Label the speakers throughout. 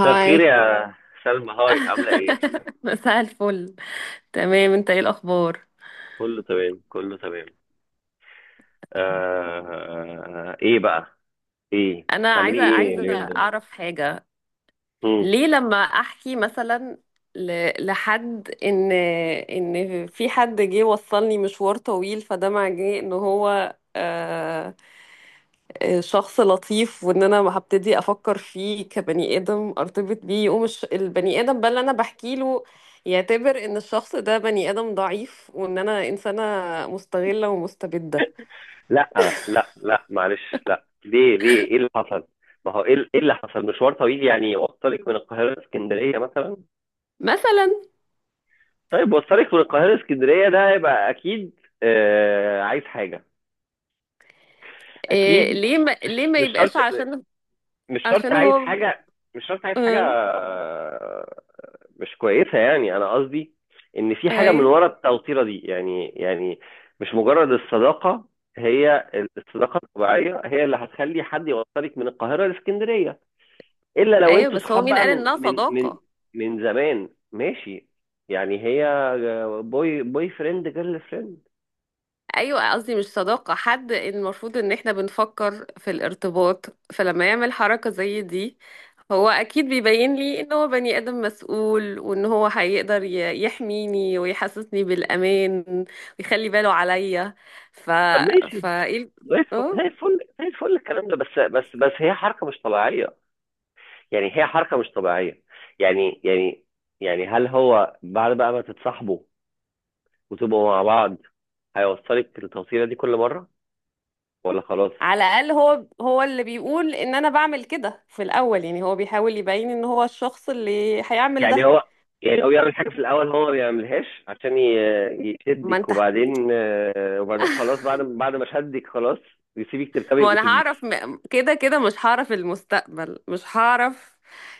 Speaker 1: مساء الخير يا سلمى، هاي. عاملة ايه؟
Speaker 2: مساء الفل. تمام، انت ايه الاخبار؟
Speaker 1: كله تمام، كله تمام. آه ايه بقى؟ ايه؟
Speaker 2: انا
Speaker 1: تعملي
Speaker 2: عايزه
Speaker 1: ايه
Speaker 2: عايزه
Speaker 1: اليومين دول؟
Speaker 2: اعرف حاجه.
Speaker 1: مم.
Speaker 2: ليه لما احكي مثلا لحد ان في حد جه وصلني مشوار طويل، فده معناه ان هو شخص لطيف، وان انا ما هبتدي افكر فيه كبني ادم ارتبط بيه، يقوم البني ادم بقى اللي انا بحكي له يعتبر ان الشخص ده بني ادم ضعيف وان انا انسانه مستغله ومستبده.
Speaker 1: لا لا لا، معلش، لا. ليه ليه ايه اللي حصل؟ ما هو ايه، إيه اللي حصل؟ مشوار طويل، يعني يوصلك من القاهرة لاسكندرية مثلا؟
Speaker 2: مثلا.
Speaker 1: طيب، وصلك من القاهرة لاسكندرية، ده يبقى اكيد آه عايز حاجة،
Speaker 2: إيه،
Speaker 1: اكيد.
Speaker 2: ليه ما
Speaker 1: مش
Speaker 2: ليه ما
Speaker 1: مش شرط.
Speaker 2: يبقاش؟ عشان
Speaker 1: مش شرط
Speaker 2: عشان
Speaker 1: عايز
Speaker 2: هو
Speaker 1: حاجة. مش شرط عايز حاجة،
Speaker 2: آه.
Speaker 1: مش كويسه، يعني انا قصدي ان في حاجه من
Speaker 2: ايوه.
Speaker 1: ورا التوتيره دي، يعني مش مجرد الصداقه. هي الصداقه الطبيعيه هي اللي هتخلي حد يوصلك من القاهره لاسكندريه، الا لو
Speaker 2: ايوه،
Speaker 1: انتوا
Speaker 2: بس هو
Speaker 1: صحاب
Speaker 2: مين
Speaker 1: بقى
Speaker 2: قال
Speaker 1: من
Speaker 2: انها
Speaker 1: من من
Speaker 2: صداقة؟
Speaker 1: من زمان. ماشي، يعني هي بوي، بوي فريند جيرل فريند.
Speaker 2: ايوه، قصدي مش صداقة، حد المفروض ان احنا بنفكر في الارتباط، فلما يعمل حركة زي دي هو اكيد بيبين لي ان هو بني ادم مسؤول وان هو هيقدر يحميني ويحسسني بالامان ويخلي باله عليا. ف
Speaker 1: طب ماشي،
Speaker 2: فايه؟
Speaker 1: زي الفل،
Speaker 2: اه.
Speaker 1: زي الفل الكلام ده، بس بس هي حركه مش طبيعيه. يعني هي حركه مش طبيعيه، يعني يعني يعني هل هو بعد بقى ما تتصاحبوا وتبقوا مع بعض هيوصلك التوصيلة دي كل مرة، ولا خلاص؟
Speaker 2: على الاقل هو اللي بيقول ان انا بعمل كده في الاول، يعني هو بيحاول يبين ان هو الشخص اللي هيعمل
Speaker 1: يعني
Speaker 2: ده.
Speaker 1: هو، يعني هو يعمل حاجة في الأول هو ما بيعملهاش عشان
Speaker 2: ما
Speaker 1: يشدك،
Speaker 2: انت.
Speaker 1: وبعدين وبعدين خلاص، بعد ما شدك خلاص يسيبك تركبي
Speaker 2: ما انا
Speaker 1: الأتوبيس.
Speaker 2: هعرف، كده كده مش هعرف المستقبل، مش هعرف.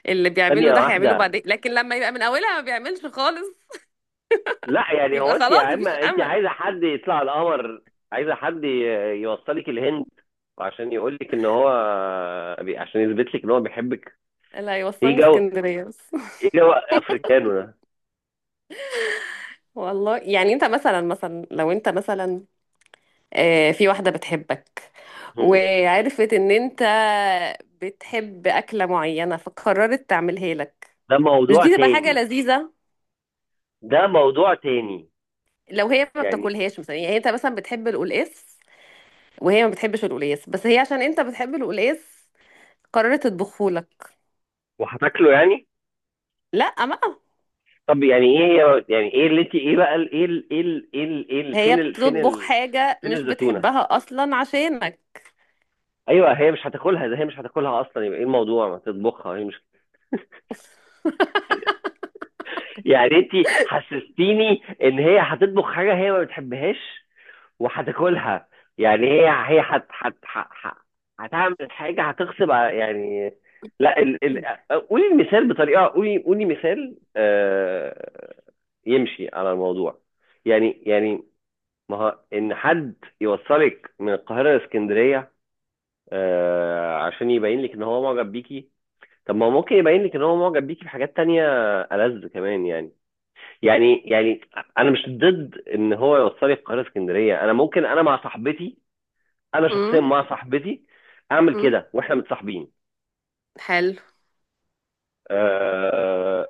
Speaker 2: اللي بيعمله
Speaker 1: ثانية
Speaker 2: ده هيعمله
Speaker 1: واحدة،
Speaker 2: بعدين، لكن لما يبقى من اولها ما بيعملش خالص
Speaker 1: لا يعني هو،
Speaker 2: يبقى
Speaker 1: أنت يا
Speaker 2: خلاص
Speaker 1: عم،
Speaker 2: مفيش
Speaker 1: أنت
Speaker 2: امل.
Speaker 1: عايزة حد يطلع على القمر، عايزة حد يوصلك الهند، وعشان يقول لك ان هو، عشان يثبت لك ان هو بيحبك.
Speaker 2: اللي
Speaker 1: ايه
Speaker 2: هيوصلني
Speaker 1: جو،
Speaker 2: اسكندرية بس.
Speaker 1: ايه جو افريكانو ده؟
Speaker 2: والله، يعني انت مثلا، لو انت مثلا في واحدة بتحبك
Speaker 1: هم.
Speaker 2: وعرفت ان انت بتحب أكلة معينة، فقررت تعملها لك،
Speaker 1: ده
Speaker 2: مش
Speaker 1: موضوع
Speaker 2: دي تبقى حاجة
Speaker 1: تاني.
Speaker 2: لذيذة؟
Speaker 1: ده موضوع تاني.
Speaker 2: لو هي ما
Speaker 1: يعني
Speaker 2: بتاكلهاش مثلا، يعني انت مثلا بتحب القلقاس وهي ما بتحبش القلقاس، بس هي عشان انت بتحب القلقاس قررت تطبخه لك.
Speaker 1: وهتاكله يعني؟
Speaker 2: لا بقى،
Speaker 1: طب يعني ايه، هي يعني ايه اللي انت، ايه بقى ايه
Speaker 2: هي
Speaker 1: فين فين
Speaker 2: بتطبخ
Speaker 1: ال،
Speaker 2: حاجة
Speaker 1: فين
Speaker 2: مش
Speaker 1: الزتونه؟
Speaker 2: بتحبها أصلا عشانك.
Speaker 1: ايوه هي مش هتاكلها، ده هي مش هتاكلها اصلا، يبقى ايه الموضوع، ما تطبخها هي مش. يعني انت حسستيني ان هي هتطبخ حاجه هي ما بتحبهاش وهتاكلها. يعني هي، هي هتعمل حاجه، يعني لا، قولي المثال بطريقه، قولي مثال يمشي على الموضوع. يعني ما هو ان حد يوصلك من القاهره لاسكندريه عشان يبين لك ان هو معجب بيكي، طب ما هو ممكن يبين لك ان هو معجب بيكي بحاجات تانية ألذ كمان يعني. يعني انا مش ضد ان هو يوصلي القاهره اسكندريه، انا ممكن انا مع صاحبتي، انا شخصيا
Speaker 2: امم.
Speaker 1: مع صاحبتي اعمل
Speaker 2: امم.
Speaker 1: كده واحنا متصاحبين.
Speaker 2: حلو.
Speaker 1: آه،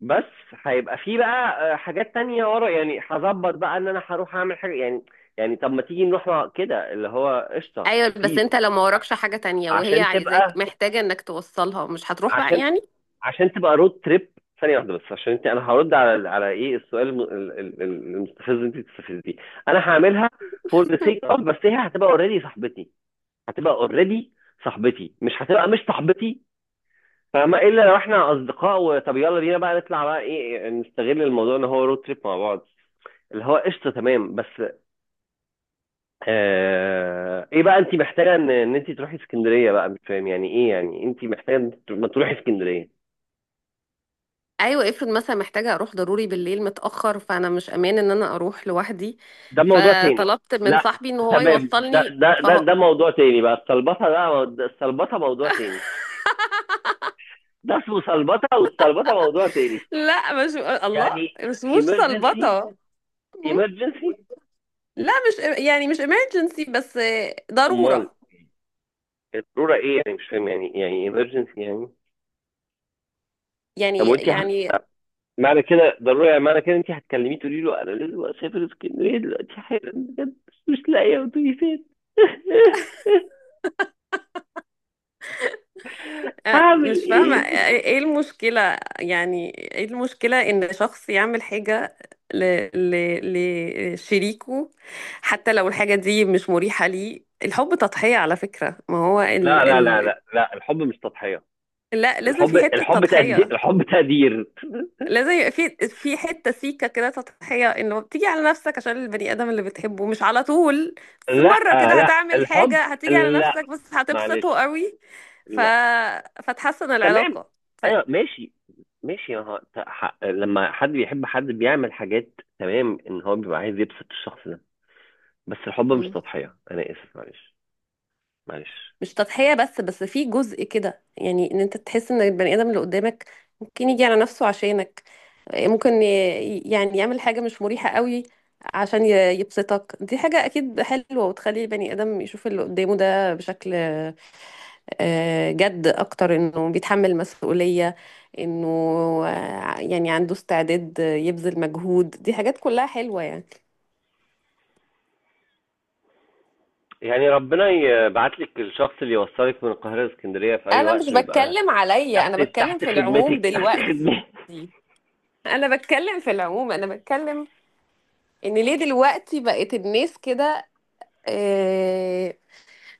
Speaker 1: بس هيبقى في بقى حاجات تانية ورا، يعني هظبط بقى ان انا هروح اعمل حاجه يعني. يعني طب ما تيجي نروح كده اللي هو قشطه
Speaker 2: ايوه، بس
Speaker 1: بيس.
Speaker 2: انت لو ما وراكش
Speaker 1: عشان،
Speaker 2: حاجه تانية وهي
Speaker 1: عشان
Speaker 2: عايزاك
Speaker 1: تبقى،
Speaker 2: محتاجه انك توصلها، مش هتروح بقى
Speaker 1: عشان،
Speaker 2: يعني؟
Speaker 1: عشان تبقى رود تريب. ثانيه واحده بس، عشان انت، انا هرد على، على ايه، السؤال المستفز اللي انت بتستفزيه. انا هعملها فور ذا سيك اوف، بس هي هتبقى اوريدي صاحبتي، هتبقى اوريدي صاحبتي، مش هتبقى مش صاحبتي. فاهمة؟ الا لو احنا اصدقاء، وطب يلا بينا بقى نطلع بقى، ايه، نستغل الموضوع ان هو رود تريب مع بعض، اللي هو قشطه تمام. بس آه ايه بقى، انت محتاجه ان انت تروحي اسكندريه بقى؟ مش فاهم، يعني ايه يعني انت محتاجه إن أنت ما تروحي اسكندريه؟
Speaker 2: ايوه، افرض مثلا محتاجه اروح ضروري بالليل متاخر، فانا مش امان ان انا اروح لوحدي،
Speaker 1: ده موضوع تاني.
Speaker 2: فطلبت من
Speaker 1: لا
Speaker 2: صاحبي ان هو
Speaker 1: تمام،
Speaker 2: يوصلني فهو.
Speaker 1: ده موضوع تاني بقى. السلبطه ده ده السلبطه موضوع تاني، ده اسمه سلبطه، والسلبطه موضوع تاني.
Speaker 2: لا، مش الله،
Speaker 1: يعني
Speaker 2: مش
Speaker 1: emergency.
Speaker 2: صلبطه. م؟
Speaker 1: emergency.
Speaker 2: لا، مش، يعني مش emergency، بس
Speaker 1: امال
Speaker 2: ضروره.
Speaker 1: الضروره ايه يعني؟ مش فاهم، يعني يعني emergency يعني. طب
Speaker 2: يعني
Speaker 1: وانت
Speaker 2: يعني
Speaker 1: معنى كده ضروري، معنى كده انت هتكلميه تقولي له انا لازم اسافر اسكندريه دلوقتي حالا بجد، مش لاقيه اتوبيسات. هعمل
Speaker 2: مش فاهمة،
Speaker 1: ايه؟
Speaker 2: ايه المشكلة يعني؟ ايه المشكلة ان شخص يعمل حاجة ل... لشريكه؟ حتى لو الحاجة دي مش مريحة ليه، الحب تضحية على فكرة، ما هو
Speaker 1: لا
Speaker 2: ال...
Speaker 1: لا لا
Speaker 2: ال...
Speaker 1: لا لا، الحب مش تضحيه.
Speaker 2: لا، لازم
Speaker 1: الحب،
Speaker 2: في حتة
Speaker 1: الحب تقدير،
Speaker 2: تضحية،
Speaker 1: الحب تقدير.
Speaker 2: لازم يبقى في حتة سيكة كده تضحية، انه بتيجي على نفسك عشان البني آدم اللي بتحبه، مش على طول، بس
Speaker 1: لا
Speaker 2: مرة كده
Speaker 1: لا
Speaker 2: هتعمل
Speaker 1: الحب،
Speaker 2: حاجة هتيجي على
Speaker 1: لا،
Speaker 2: نفسك بس هتبسطه
Speaker 1: معلش،
Speaker 2: قوي، ف...
Speaker 1: لا.
Speaker 2: فتحسن
Speaker 1: تمام.
Speaker 2: العلاقة. ف...
Speaker 1: ايوه ماشي. ماشي، لما حد بيحب حد بيعمل حاجات، تمام، ان هو بيبقى عايز يبسط الشخص ده، بس الحب مش
Speaker 2: مم.
Speaker 1: تضحيه، انا اسف، معلش. معلش.
Speaker 2: مش تضحية، بس في جزء كده، يعني ان انت تحس ان البني ادم اللي قدامك ممكن يجي على نفسه عشانك، ممكن يعني يعمل حاجة مش مريحة قوي عشان يبسطك. دي حاجة اكيد حلوة وتخلي البني ادم يشوف اللي قدامه ده بشكل جد اكتر، انه بيتحمل مسؤولية، انه يعني عنده استعداد يبذل مجهود، دي حاجات كلها حلوة يعني.
Speaker 1: يعني ربنا يبعت لك الشخص اللي يوصلك من القاهرة لاسكندرية في أي
Speaker 2: انا مش
Speaker 1: وقت، ويبقى
Speaker 2: بتكلم عليا، انا
Speaker 1: تحت،
Speaker 2: بتكلم في العموم
Speaker 1: تحت
Speaker 2: دلوقتي،
Speaker 1: خدمتك.
Speaker 2: انا بتكلم في العموم، انا بتكلم ان ليه دلوقتي بقت الناس كده آه،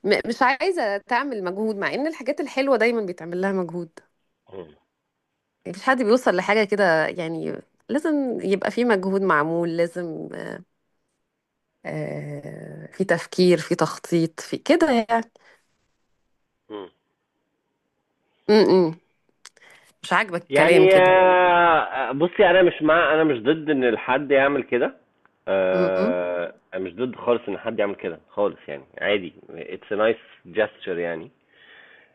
Speaker 2: مش عايزه تعمل مجهود، مع ان الحاجات الحلوه دايما بيتعمل لها مجهود،
Speaker 1: مم.
Speaker 2: مفيش حد بيوصل لحاجه كده يعني، لازم يبقى في مجهود معمول، لازم في تفكير، في تخطيط، في كده يعني.
Speaker 1: مم.
Speaker 2: م- م. مش عاجبك الكلام
Speaker 1: يعني
Speaker 2: كده؟
Speaker 1: بصي، أنا مش مع، أنا مش ضد إن حد يعمل كده.
Speaker 2: م-
Speaker 1: أنا مش ضد خالص إن حد يعمل كده خالص، يعني عادي، it's a nice gesture يعني.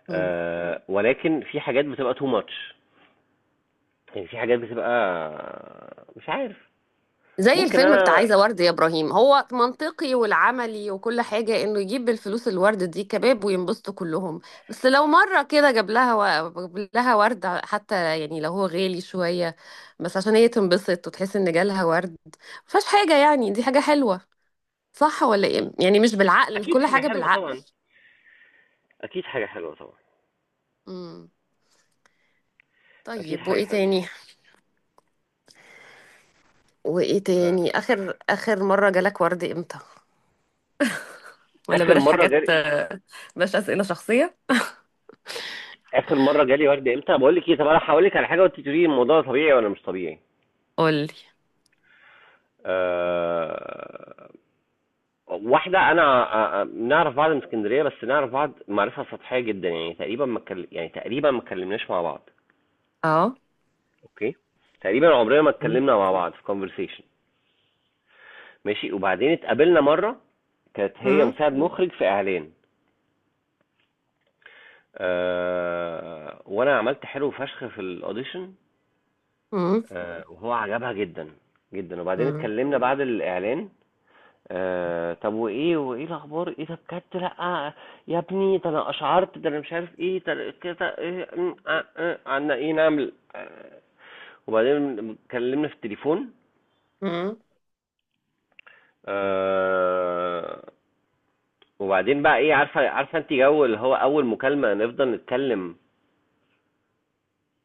Speaker 2: م.
Speaker 1: ولكن في حاجات بتبقى too much. يعني في حاجات بتبقى، مش عارف.
Speaker 2: زي
Speaker 1: ممكن
Speaker 2: الفيلم بتاع
Speaker 1: أنا،
Speaker 2: عايزة ورد يا إبراهيم، هو منطقي والعملي وكل حاجة إنه يجيب بالفلوس الورد دي كباب وينبسطوا كلهم، بس لو مرة كده جاب لها ورد حتى، يعني لو هو غالي شوية بس عشان هي تنبسط وتحس إن جالها ورد، مفيهاش حاجة يعني، دي حاجة حلوة، صح ولا إيه؟ يعني مش بالعقل، مش
Speaker 1: أكيد
Speaker 2: كل
Speaker 1: حاجة
Speaker 2: حاجة
Speaker 1: حلوة
Speaker 2: بالعقل.
Speaker 1: طبعا. اكيد حاجه حلوه طبعا.
Speaker 2: امم.
Speaker 1: اكيد
Speaker 2: طيب،
Speaker 1: حاجه
Speaker 2: وإيه
Speaker 1: حلوه.
Speaker 2: تاني؟ وإيه تاني؟
Speaker 1: آه.
Speaker 2: آخر مرة جالك ورد إمتى؟ ولا
Speaker 1: اخر
Speaker 2: بلاش
Speaker 1: مره
Speaker 2: حاجات،
Speaker 1: جالي،
Speaker 2: بلاش أسئلة شخصية.
Speaker 1: اخر مره جالي ورد امتى؟ بقول لك ايه، طب انا هقول لك على حاجه، وانت تقولي لي الموضوع ده طبيعي ولا مش طبيعي.
Speaker 2: قولي.
Speaker 1: أه... واحده، انا أه... آه، نعرف بعض من اسكندريه، بس نعرف بعض معرفه سطحيه جدا، يعني تقريبا ما يعني تقريبا ما اتكلمناش مع بعض.
Speaker 2: اه.
Speaker 1: اوكي، تقريبا عمرنا ما اتكلمنا مع بعض في كونفرسيشن. ماشي، وبعدين اتقابلنا مره، كانت هي
Speaker 2: مم.
Speaker 1: مساعد مخرج في اعلان. أه... وانا عملت حلو فشخ في الاوديشن،
Speaker 2: مم.
Speaker 1: وهو عجبها جدًا، وبعدين
Speaker 2: مم.
Speaker 1: اتكلمنا بعد الإعلان. طب وإيه، الأخبار، إيه ده بجد، لأ، يا ابني ده أنا أشعرت، ده أنا مش عارف إيه، ده كده إيه، إمم، عنا إيه نعمل، وبعدين اتكلمنا في التليفون.
Speaker 2: مم.
Speaker 1: آآ، وبعدين بقى إيه، عارفة، أنتِ جو اللي هو أول مكالمة نفضل نتكلم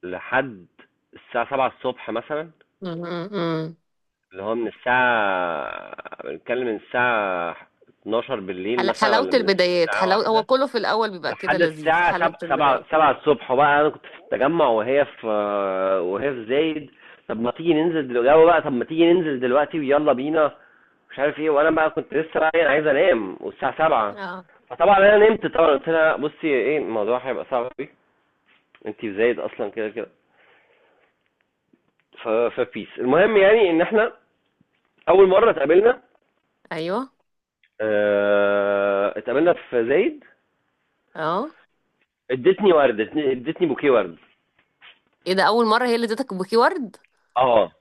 Speaker 1: لحد الساعة 7:00 مثلًا.
Speaker 2: مم. مم.
Speaker 1: اللي هو من الساعة بنتكلم، من الساعة 12 بالليل مثلا،
Speaker 2: حلاوة
Speaker 1: ولا من
Speaker 2: البدايات،
Speaker 1: الساعة
Speaker 2: حلاوة، هو
Speaker 1: واحدة
Speaker 2: كله في الأول بيبقى كده
Speaker 1: لحد
Speaker 2: لذيذ،
Speaker 1: الساعة
Speaker 2: حلاوة
Speaker 1: سبعة، سبعة
Speaker 2: البداية.
Speaker 1: سبعة الصبح بقى. أنا كنت في التجمع، وهي في، وهي في زايد. طب ما تيجي ننزل دلوقتي، يلا بقى، طب ما تيجي ننزل دلوقتي ويلا بينا، مش عارف ايه. وانا بقى كنت لسه بقى ايه، عايز انام، والساعة سبعة.
Speaker 2: اه.
Speaker 1: فطبعا انا نمت طبعا. قلت لها بصي، ايه، الموضوع هيبقى صعب قوي، انتي في زايد اصلا كده كده. فبيس. المهم يعني ان احنا اول مرة اتقابلنا،
Speaker 2: أيوه.
Speaker 1: اتقابلنا في زايد،
Speaker 2: اه.
Speaker 1: ادتني ورد، ادتني بوكيه ورد.
Speaker 2: ايه ده؟ أول مرة هي اللي اديتك بوكي ورد؟
Speaker 1: اه،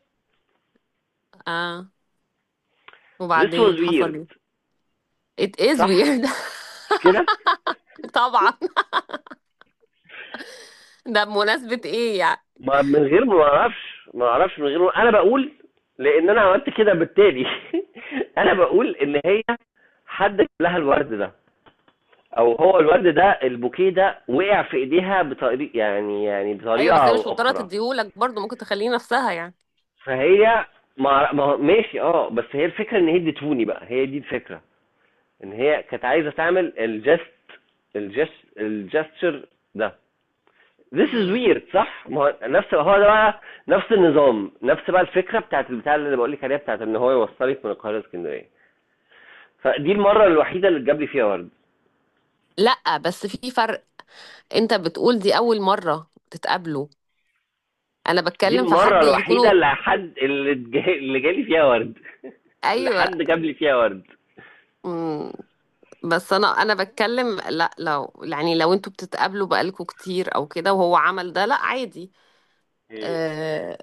Speaker 2: اه.
Speaker 1: this was
Speaker 2: وبعدين حصل
Speaker 1: weird
Speaker 2: ايه؟ it is
Speaker 1: صح،
Speaker 2: weird.
Speaker 1: مش كده؟
Speaker 2: طبعا. ده بمناسبة ايه يعني؟
Speaker 1: ما من غير ما اعرفش، من غير ما انا بقول، لان انا عملت كده، بالتالي. انا بقول ان هي، حد جاب لها الورد ده، او هو الورد ده، البوكيه ده وقع في ايديها بطريقه، يعني
Speaker 2: ايوه،
Speaker 1: بطريقه
Speaker 2: بس هي مش
Speaker 1: او
Speaker 2: مضطرة
Speaker 1: اخرى.
Speaker 2: تديهولك برضه، ممكن تخليه نفسها يعني.
Speaker 1: فهي، ماشي، اه بس هي الفكره، ان هي ادتهوني بقى، هي دي الفكره، ان هي كانت عايزه تعمل الجست، الجستشر ده. This is
Speaker 2: مم.
Speaker 1: weird، صح؟ ما هو نفس، هو ده بقى نفس النظام، نفس بقى الفكره بتاعت البتاع اللي بقول لك عليها، بتاعت ان هو يوصلك من القاهره اسكندريه. فدي المره الوحيده اللي اتجاب لي فيها ورد.
Speaker 2: لا، بس في فرق، انت بتقول دي أول مرة تتقابلوا، انا
Speaker 1: دي
Speaker 2: بتكلم في
Speaker 1: المره
Speaker 2: حد
Speaker 1: الوحيده
Speaker 2: يكونوا.
Speaker 1: اللي حد، اللي جالي فيها ورد، اللي حد
Speaker 2: ايوه.
Speaker 1: جاب لي فيها ورد.
Speaker 2: مم. بس انا بتكلم، لا، لو يعني لو انتوا بتتقابلوا بقالكوا كتير او كده وهو عمل ده، لا عادي. آه.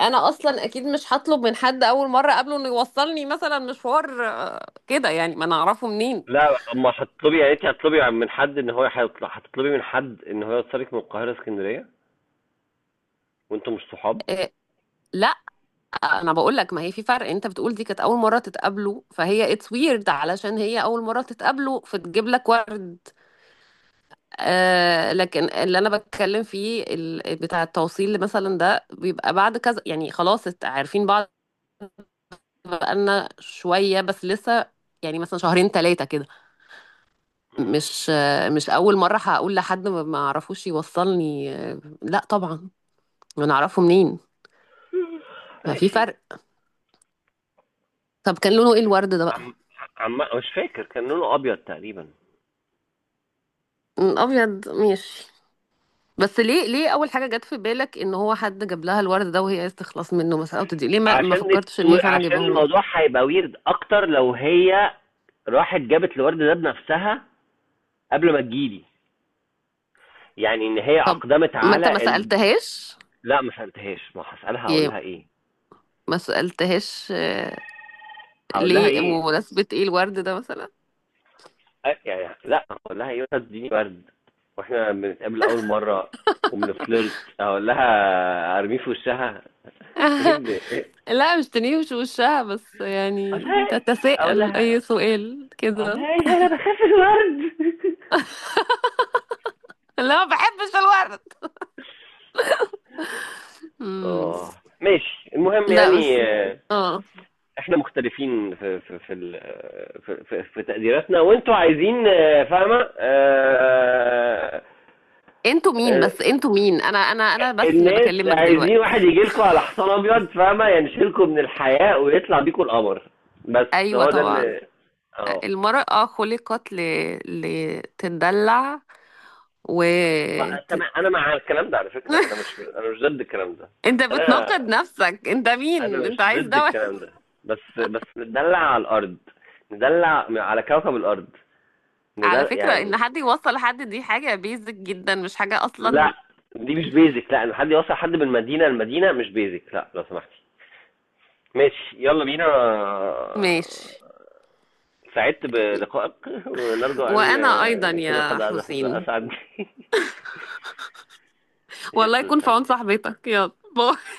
Speaker 2: انا اصلا اكيد مش هطلب من حد اول مره اقابله انه يوصلني مثلا مشوار كده، يعني ما انا اعرفه منين.
Speaker 1: لا، اما هتطلبي يا ريت، هتطلبي من حد ان هو هيطلع، هتطلبي من حد ان هو يوصلك من القاهره اسكندريه وانتم مش صحاب؟
Speaker 2: لا. انا بقول لك، ما هي في فرق، انت بتقول دي كانت اول مره تتقابلوا فهي اتس ويرد، علشان هي اول مره تتقابلوا فتجيب لك ورد، آه، لكن اللي انا بتكلم فيه بتاع التوصيل مثلا ده بيبقى بعد كذا، يعني خلاص عارفين بعض بقالنا شوية بس لسه، يعني مثلا شهرين ثلاثة كده، مش، مش أول مرة هقول لحد ما أعرفوش يوصلني، لا طبعا، أنا أعرفه منين؟ ففي
Speaker 1: ماشي.
Speaker 2: فرق. طب كان لونه إيه الورد ده
Speaker 1: عم،
Speaker 2: بقى؟
Speaker 1: عم مش فاكر، كان لونه ابيض تقريبا.
Speaker 2: م، أبيض ماشي. بس ليه أول حاجة جت في بالك إن هو حد جاب لها الورد ده وهي عايزة تخلص منه مثلا أو تدي ليه، ما
Speaker 1: عشان
Speaker 2: فكرتش إن هي فعلا
Speaker 1: عشان الموضوع
Speaker 2: جايبهولك؟
Speaker 1: هيبقى ويرد اكتر، لو هي راحت جابت الورد ده بنفسها قبل ما تجيلي، يعني ان هي اقدمت
Speaker 2: ما أنت ما
Speaker 1: على
Speaker 2: سألتهاش.
Speaker 1: لا، ما سالتهاش، ما هسالها، هقول
Speaker 2: يا،
Speaker 1: لها ايه؟
Speaker 2: ما سألتهاش.
Speaker 1: هقول لها
Speaker 2: ليه،
Speaker 1: ايه؟
Speaker 2: بمناسبة إيه الورد ده مثلا؟
Speaker 1: يعني لا، هقول لها ايه، وأنت تديني ورد واحنا بنتقابل اول مره وبنفلرت؟ اقول لها ارميه في وشها؟ ايه اللي ايه!
Speaker 2: لا مش تنيوش وشها، بس
Speaker 1: اقول
Speaker 2: يعني
Speaker 1: لها، اقول
Speaker 2: تتساءل
Speaker 1: لها
Speaker 2: اي سؤال
Speaker 1: اقول
Speaker 2: كده.
Speaker 1: لها إيه ده؟ انا بخاف من الورد.
Speaker 2: لا، ما بحبش الورد. مم.
Speaker 1: آه، ماشي، المهم،
Speaker 2: لا
Speaker 1: يعني
Speaker 2: بس. اه.
Speaker 1: احنا مختلفين في في تقديراتنا، وانتوا عايزين، فاهمة،
Speaker 2: انتوا مين؟
Speaker 1: آه،
Speaker 2: بس انتوا مين؟ انا بس اللي
Speaker 1: الناس
Speaker 2: بكلمك دلوقتي.
Speaker 1: عايزين واحد يجي لكم على حصان ابيض، فاهمة، ينشلكم من الحياة ويطلع بيكم القمر. بس
Speaker 2: ايوه
Speaker 1: هو ده
Speaker 2: طبعا.
Speaker 1: اللي، اه.
Speaker 2: المرأة خلقت لتدلع، و ت-
Speaker 1: تمام، انا مع الكلام ده على فكرة، انا مش، انا مش ضد الكلام ده.
Speaker 2: انت
Speaker 1: انا،
Speaker 2: بتناقض نفسك، انت
Speaker 1: انا
Speaker 2: مين؟ انت
Speaker 1: مش
Speaker 2: عايز
Speaker 1: ضد
Speaker 2: ده ولا؟
Speaker 1: الكلام ده، بس ندلع على الارض، ندلع على كوكب الارض، ان
Speaker 2: على
Speaker 1: ده
Speaker 2: فكرة،
Speaker 1: يعني.
Speaker 2: ان حد يوصل لحد، دي حاجة بيزك جدا، مش حاجة
Speaker 1: لا،
Speaker 2: اصلا.
Speaker 1: دي مش بيزك، لا، ان حد يوصل حد من مدينه لمدينه مش بيزك، لا، لو سمحتي. ماشي، يلا بينا.
Speaker 2: ماشي.
Speaker 1: سعدت بلقائك، ونرجو ان
Speaker 2: وأنا أيضا
Speaker 1: كنا
Speaker 2: يا
Speaker 1: قد
Speaker 2: حسين.
Speaker 1: اسعد. ماشي يا
Speaker 2: والله
Speaker 1: استاذ
Speaker 2: يكون في
Speaker 1: سامي.
Speaker 2: عون صاحبتك، يلا باي.